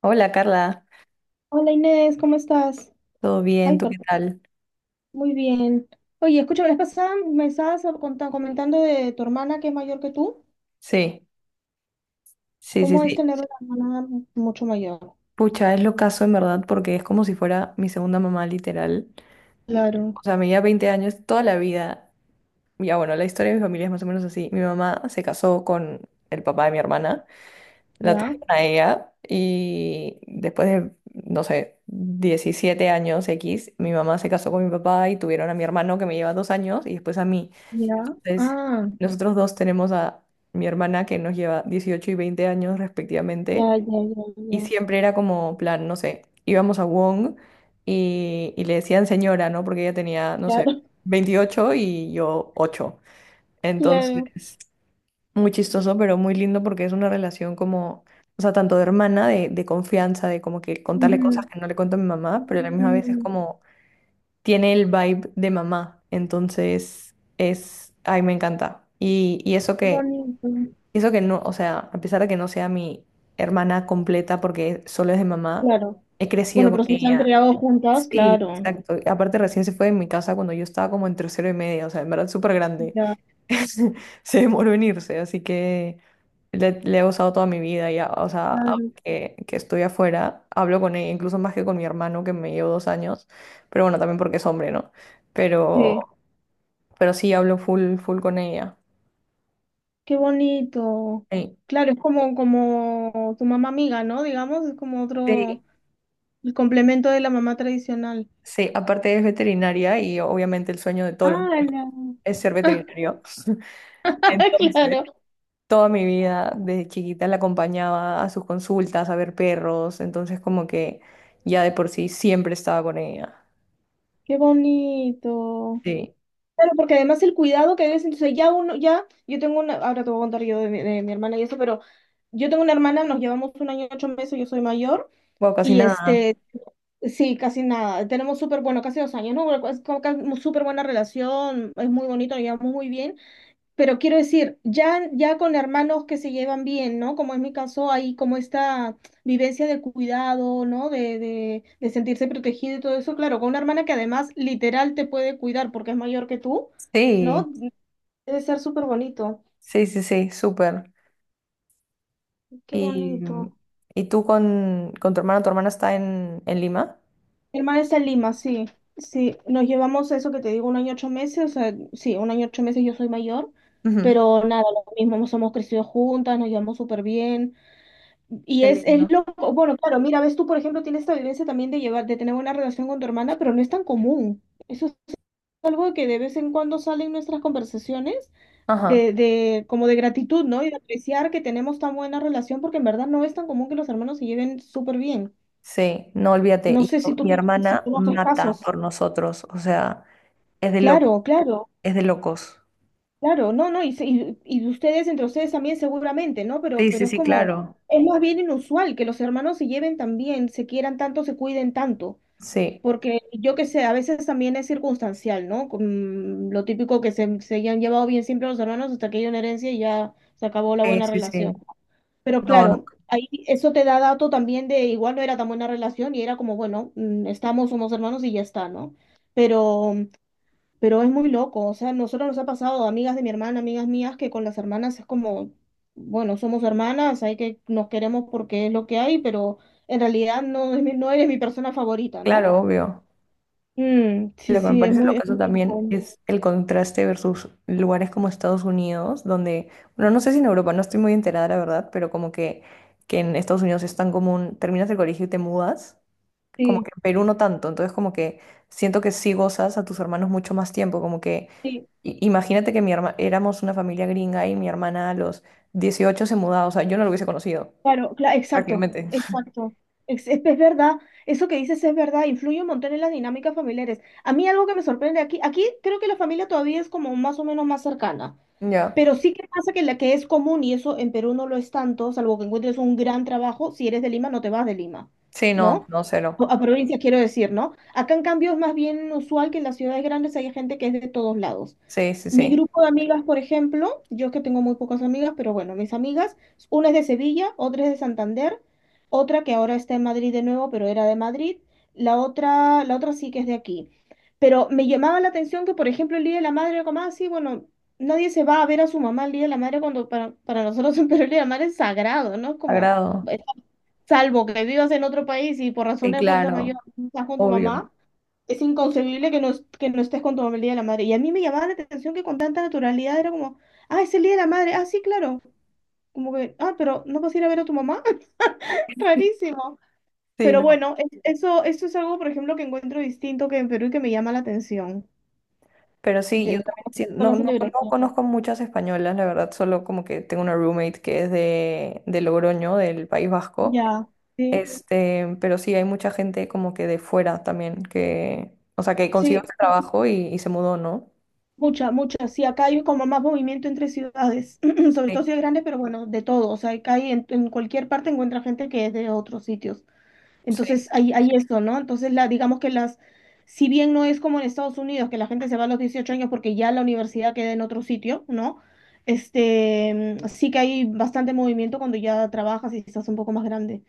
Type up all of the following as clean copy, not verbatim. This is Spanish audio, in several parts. Hola Carla, Hola Inés, ¿cómo estás? ¿todo bien? Ay, ¿Tú qué perdón, tal? muy bien. Oye, escucha, la vez pasada me estabas comentando de tu hermana que es mayor que tú. Sí, sí, sí, ¿Cómo es sí. tener una hermana mucho mayor? Pucha, es lo caso en verdad porque es como si fuera mi segunda mamá literal. O Claro, sea, me lleva 20 años toda la vida. Ya bueno, la historia de mi familia es más o menos así. Mi mamá se casó con el papá de mi hermana, la ya, tuvieron a ella y después de, no sé, 17 años X, mi mamá se casó con mi papá y tuvieron a mi hermano que me lleva 2 años y después a mí. ya. Entonces, Ah, nosotros dos tenemos a mi hermana que nos lleva 18 y 20 años respectivamente, ya, ya, ya, y ya. siempre era como plan, no sé, íbamos a Wong y le decían señora, ¿no? Porque ella tenía, no sé, Claro, 28 y yo 8. claro. Entonces, muy chistoso, pero muy lindo porque es una relación como, o sea, tanto de hermana, de confianza, de como que contarle cosas Ujú. que no le cuento a mi mamá, pero a la misma vez es Mm, como tiene el vibe de mamá. Entonces, es, ay, me encanta. Y eso qué que, bonito. eso que no, o sea, a pesar de que no sea mi hermana completa porque solo es de mamá, Claro. he crecido Bueno, con pero si se han ella. creado juntas, Sí, claro. exacto. Y aparte recién se fue de mi casa cuando yo estaba como en tercero y media, o sea, en verdad súper grande. Ya, Se demoró en irse, así que le he usado toda mi vida ya, o sea, ahora claro. que estoy afuera, hablo con ella, incluso más que con mi hermano que me llevo 2 años, pero bueno, también porque es hombre, ¿no? Sí, Pero, pero sí hablo full, full con ella. qué bonito. Sí, Claro, es como, como tu mamá amiga, ¿no? Digamos, es como otro. sí, El complemento de la mamá tradicional. sí, aparte es veterinaria y obviamente el sueño de todos los Ah, niños la- es ser veterinario. Entonces, claro. toda mi vida, desde chiquita la acompañaba a sus consultas, a ver perros, entonces como que ya de por sí siempre estaba con ella. Qué bonito. Sí, Claro, porque además el cuidado que debes, entonces ya uno, ya, yo tengo una, ahora te voy a contar yo de mi hermana y eso, pero yo tengo una hermana, nos llevamos 1 año y 8 meses, yo soy mayor, bueno, casi y nada. Sí, casi nada, tenemos súper, bueno, casi 2 años, ¿no? Es como que súper buena relación, es muy bonito, nos llevamos muy bien. Pero quiero decir, ya, ya con hermanos que se llevan bien, ¿no? Como es mi caso, hay como esta vivencia de cuidado, ¿no? De sentirse protegido y todo eso. Claro, con una hermana que además literal te puede cuidar porque es mayor que tú, Sí, ¿no? Debe ser súper bonito. sí, sí, sí, súper. Qué ¿Y, bonito. y tú con tu hermana? ¿Tu hermana está en Lima? Mi hermana está en Lima, sí. Sí, nos llevamos eso que te digo, 1 año 8 meses. O sea, sí, 1 año 8 meses yo soy mayor. Ujú. Pero nada, lo mismo, nos hemos crecido juntas, nos llevamos súper bien. Y Qué lindo. es loco, bueno, claro, mira, ves tú, por ejemplo, tienes esta vivencia también de llevar, de tener una relación con tu hermana, pero no es tan común. Eso es algo que de vez en cuando sale en nuestras conversaciones Ajá, de, como de gratitud, ¿no? Y de apreciar que tenemos tan buena relación, porque en verdad no es tan común que los hermanos se lleven súper bien. sí, no olvídate. No Y sé yo- si tú mi tienes, si hermana conoces mata casos. por nosotros, o sea, es de locos, Claro, claro, es de locos. claro, no, no, y, y ustedes, entre ustedes también seguramente, ¿no? Sí, sí, Pero es sí, como, claro. es más bien inusual que los hermanos se lleven tan bien, se quieran tanto, se cuiden tanto. Sí, Porque yo que sé, a veces también es circunstancial, ¿no? Con lo típico que se han llevado bien siempre los hermanos hasta que hay una herencia y ya se acabó la sí, buena sí, relación. sí. Pero No, no, claro, ahí eso te da dato también de igual no era tan buena relación y era como, bueno, estamos, somos hermanos y ya está, ¿no? Pero, pero es muy loco, o sea, a nosotros nos ha pasado, amigas de mi hermana, amigas mías, que con las hermanas es como, bueno, somos hermanas, hay que, nos queremos porque es lo que hay, pero en realidad no, es no eres mi persona favorita, ¿no? claro, obvio. Mm, sí, Lo que me sí, parece lo es caso muy también loco. es el contraste versus lugares como Estados Unidos, donde, bueno, no sé si en Europa, no estoy muy enterada, la verdad, pero como que, en Estados Unidos es tan común, terminas el colegio y te mudas, como que Sí, en Perú no tanto, entonces como que siento que sí gozas a tus hermanos mucho más tiempo, como que sí, imagínate que éramos una familia gringa y mi hermana a los 18 se mudaba, o sea, yo no lo hubiese conocido, claro, exacto, prácticamente. exacto. Es, es verdad, eso que dices es verdad, influye un montón en las dinámicas familiares. A mí algo que me sorprende aquí, aquí creo que la familia todavía es como más o menos más cercana. Ya. Pero sí que pasa que la que es común, y eso en Perú no lo es tanto, salvo que encuentres un gran trabajo, si eres de Lima, no te vas de Lima, Sí, no, ¿no? no, cero. A provincias quiero decir, ¿no? Acá en cambio es más bien usual que en las ciudades grandes haya gente que es de todos lados. Sí, sí, Mi sí. grupo de amigas, por ejemplo, yo es que tengo muy pocas amigas, pero bueno, mis amigas, una es de Sevilla, otra es de Santander, otra que ahora está en Madrid de nuevo, pero era de Madrid, la otra sí que es de aquí. Pero me llamaba la atención que, por ejemplo, el Día de la Madre, como así, bueno, nadie se va a ver a su mamá el Día de la Madre cuando para nosotros en Perú el Día de la Madre es sagrado, ¿no? Es como, Agrado. eh, salvo que vivas en otro país y por razón Sí, de fuerza mayor claro, no estás con tu obvio. mamá, es inconcebible que no, que no estés con tu mamá el Día de la Madre. Y a mí me llamaba la atención que con tanta naturalidad era como, ah, es el Día de la Madre, ah, sí, claro. Como que, ah, pero ¿no vas a ir a ver a tu mamá? Rarísimo. Sí, Pero no, bueno, eso, eso es algo, por ejemplo, que encuentro distinto que en Perú y que me llama la atención. pero sí, yo De, con también sí. respecto a la No, no, no celebración. conozco muchas españolas, la verdad, solo como que tengo una roommate que es de Logroño, del País Vasco. Ya, sí. Este, pero sí, hay mucha gente como que de fuera también, que, o sea, que consiguió Sí, este trabajo y se mudó, ¿no? mucha, mucha. Sí, acá hay como más movimiento entre ciudades, sobre Sí, todo ciudades grandes, pero bueno, de todo. O sea, acá hay en cualquier parte encuentra gente que es de otros sitios. sí, Entonces, hay eso, ¿no? Entonces, la, digamos que las, si bien no es como en Estados Unidos, que la gente se va a los 18 años porque ya la universidad queda en otro sitio, ¿no? Este, sí que hay bastante movimiento cuando ya trabajas y estás un poco más grande.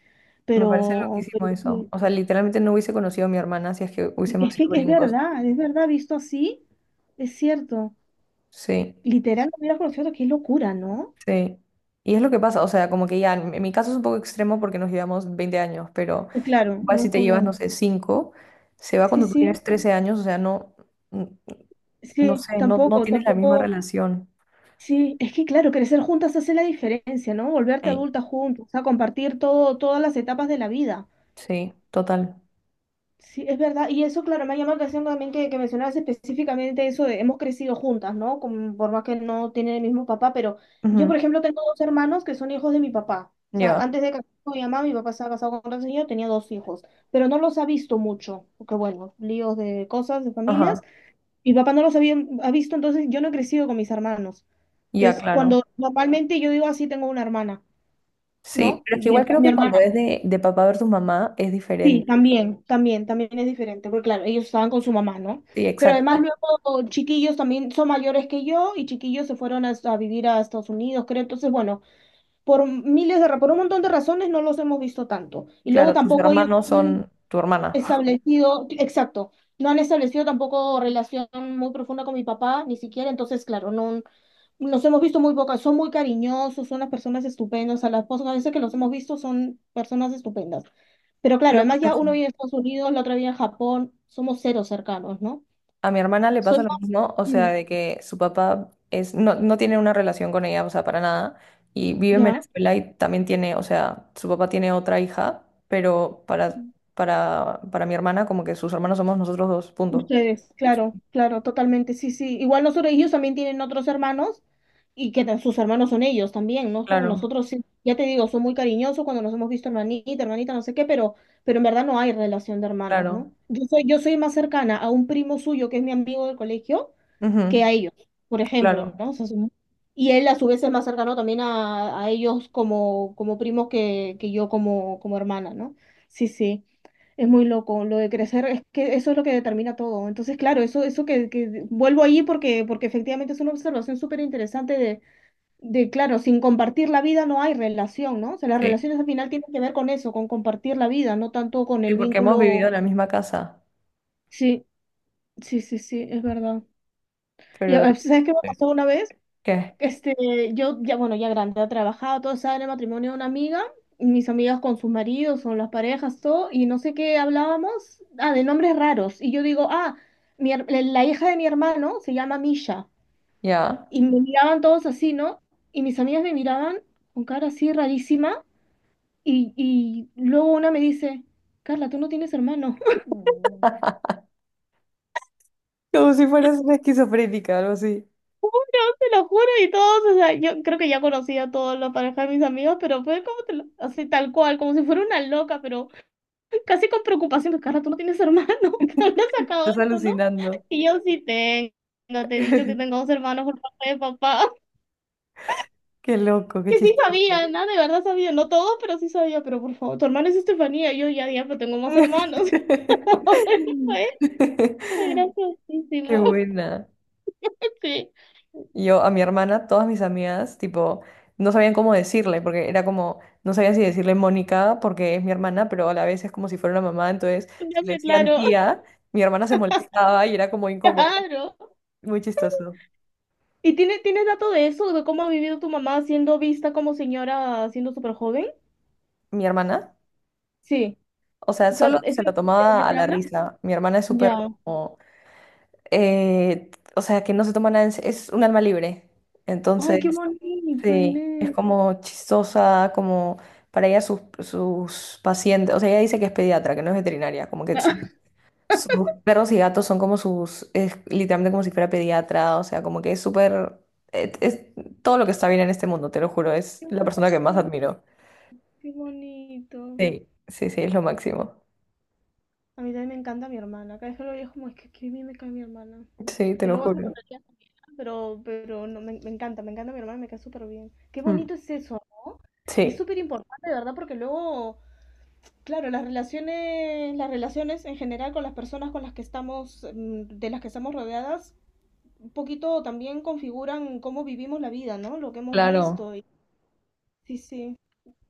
me parece loquísimo Pero eso. sí, O sea, literalmente no hubiese conocido a mi hermana si es que hubiésemos es que sido gringos. Es verdad, visto así, es cierto. Sí, Literal, no hubiera conocido, qué locura, ¿no? sí. Y es lo que pasa, o sea, como que ya, en mi caso es un poco extremo porque nos llevamos 20 años, pero, Claro, igual no si es te llevas, como, no sé, cinco, se va sí, cuando tú sí, tienes 13 años, o sea, no, n- no sí, sé, no, no tampoco, tienes la misma tampoco, relación. sí, es que claro, crecer juntas hace la diferencia, ¿no? Volverte Ey, adulta juntos, o sea, compartir todo, todas las etapas de la vida. sí, total. Sí, es verdad. Y eso, claro, me ha llamado la atención también que mencionabas específicamente eso de hemos crecido juntas, ¿no? Como, por más que no tienen el mismo papá, pero yo, Ujú, por ejemplo, tengo 2 hermanos que son hijos de mi papá. O sea, ya, antes de casarme con mi mamá, mi papá estaba casado con otra señora, tenía 2 hijos, pero no los ha visto mucho, porque bueno, líos de cosas, de familias. ajá, Mi papá no los había, ha visto, entonces yo no he crecido con mis hermanos. ya, Entonces, claro. cuando normalmente yo digo así, tengo una hermana, Sí, ¿no? pero es que Mi, igual creo mi que cuando hermana. es de papá versus mamá es Sí, diferente. también, también, también es diferente, porque claro, ellos estaban con su mamá, ¿no? Sí, Pero además exacto. luego chiquillos también son mayores que yo y chiquillos se fueron a vivir a Estados Unidos, creo. Entonces, bueno, por miles de, por un montón de razones no los hemos visto tanto. Y luego Claro, tus tampoco ellos hermanos han son tu hermana. establecido, exacto, no han establecido tampoco relación muy profunda con mi papá, ni siquiera. Entonces, claro, no, los hemos visto muy pocas, son muy cariñosos, son unas personas estupendas, a las pocas veces que los hemos visto son personas estupendas. Pero claro, Lo por además ya uno eso. vive en Estados Unidos, la otra vive en Japón, somos cero cercanos, ¿no? A mi hermana le Soy pasa lo más... mismo, o sea, Mm, de que su papá es, no, no tiene una relación con ella, o sea, para nada, y vive en ¿ya? Venezuela y también tiene, o sea, su papá tiene otra hija, pero para mi hermana como que sus hermanos somos nosotros dos, punto. Ustedes, claro, claro, totalmente, sí, sí. Igual nosotros, ellos también tienen otros hermanos y que sus hermanos son ellos también, ¿no? Es como Claro, nosotros, sí. Ya te digo, son muy cariñosos cuando nos hemos visto hermanita, hermanita, no sé qué, pero en verdad no hay relación de hermanos, ¿no? claro, Yo soy más cercana a un primo suyo que es mi amigo del colegio ujú, que a ellos, por ejemplo, claro, ¿no? O sea, y él a su vez es más cercano también a ellos como, como primos que yo como, como hermana, ¿no? Sí, sí. Es muy loco, lo de crecer, es que eso es lo que determina todo. Entonces, claro, eso que, vuelvo ahí porque, porque efectivamente es una observación súper interesante de, claro, sin compartir la vida no hay relación, ¿no? O sea, las sí, relaciones al final tienen que ver con eso, con compartir la vida, no tanto con sí, el porque hemos vivido vínculo. en la misma casa, Sí, sí, sí, sí, es verdad. Y pero ah, de ahí ¿sabes qué me pasó una vez? que, Este, yo ya, bueno, ya grande, ha trabajado, todo estaba en el matrimonio de una amiga, y mis amigas con sus maridos, con las parejas, todo, y no sé qué hablábamos, ah, de nombres raros, y yo digo, ah, mi la hija de mi hermano se llama Misha, ya, y me miraban todos así, ¿no? Y mis amigas me miraban con cara así rarísima, y luego una me dice, Carla, tú no tienes hermano. Mm. como si fueras una esquizofrénica, algo así, Te lo juro, y todos, o sea, yo creo que ya conocía a todos los parejas de mis amigos, pero fue como, así tal cual, como si fuera una loca, pero casi con preocupación, Carla, tú no tienes hermano, ¿dónde has sacado estás eso, no? alucinando. Y yo sí tengo, te he dicho que tengo dos hermanos por parte de papá, Qué loco, qué que sí sabía, chistoso. nada, de verdad sabía, no todos, pero sí sabía, pero por favor, tu hermana es Estefanía, y yo ya, ya, pero tengo más hermanos, fue, fue Qué graciosísimo, buena. sí, Yo a mi hermana, todas mis amigas, tipo, no sabían cómo decirle, porque era como, no sabía si decirle Mónica, porque es mi hermana, pero a la vez es como si fuera una mamá, entonces si ya le sé, decían claro, tía, mi hermana se molestaba y era como incómodo, claro. muy chistoso. ¿Y tiene, tienes dato de eso, de cómo ha vivido tu mamá siendo vista como señora, siendo súper joven? Mi hermana, Sí, o sea, o sea, solo ¿es se lo lo que tomaba a te la habla? risa. Mi hermana es súper Ya. como, eh, o sea, que no se toma nada, es un alma libre. Ay, Entonces, qué bonito, sí, es Inés. como chistosa, como para ella sus, sus pacientes, o sea, ella dice que es pediatra, que no es veterinaria, como que sus perros y gatos son como sus, es literalmente como si fuera pediatra, o sea, como que es súper, es todo lo que está bien en este mundo, te lo juro, Qué es la persona que más admiro. qué bonito. Sí, sí, sí, es lo máximo. A mí también me encanta mi hermana. Cada vez que lo veo es como, es que qué bien me cae mi hermana. Sí, te Que lo luego hace juro. tonterías también, ¿no? Pero no, me, me encanta mi hermana, me cae súper bien. Qué Mm, bonito es eso, ¿no? Y es sí, súper importante, de verdad, porque luego, claro, las relaciones en general con las personas con las que estamos, de las que estamos rodeadas, un poquito también configuran cómo vivimos la vida, ¿no? Lo que hemos claro. visto. Y, sí, sí.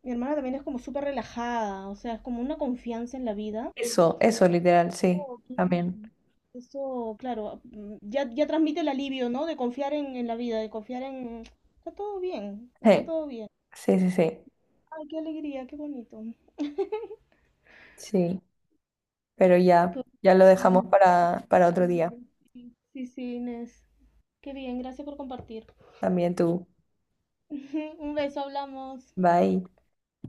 Mi hermana también es como súper relajada, o sea, es como una confianza en la vida. Eso, literal, sí, Oh, qué también. bien. Eso, claro, ya, ya transmite el alivio, ¿no? De confiar en la vida, de confiar en... Está todo bien, está Sí, todo bien. sí, sí, sí, Ay, qué alegría, qué bonito. sí, pero ya, Pero- ya lo dejamos Realmente, para otro día. sí, sí, Inés. Qué bien, gracias por compartir. También tú. Un beso, hablamos. Bye.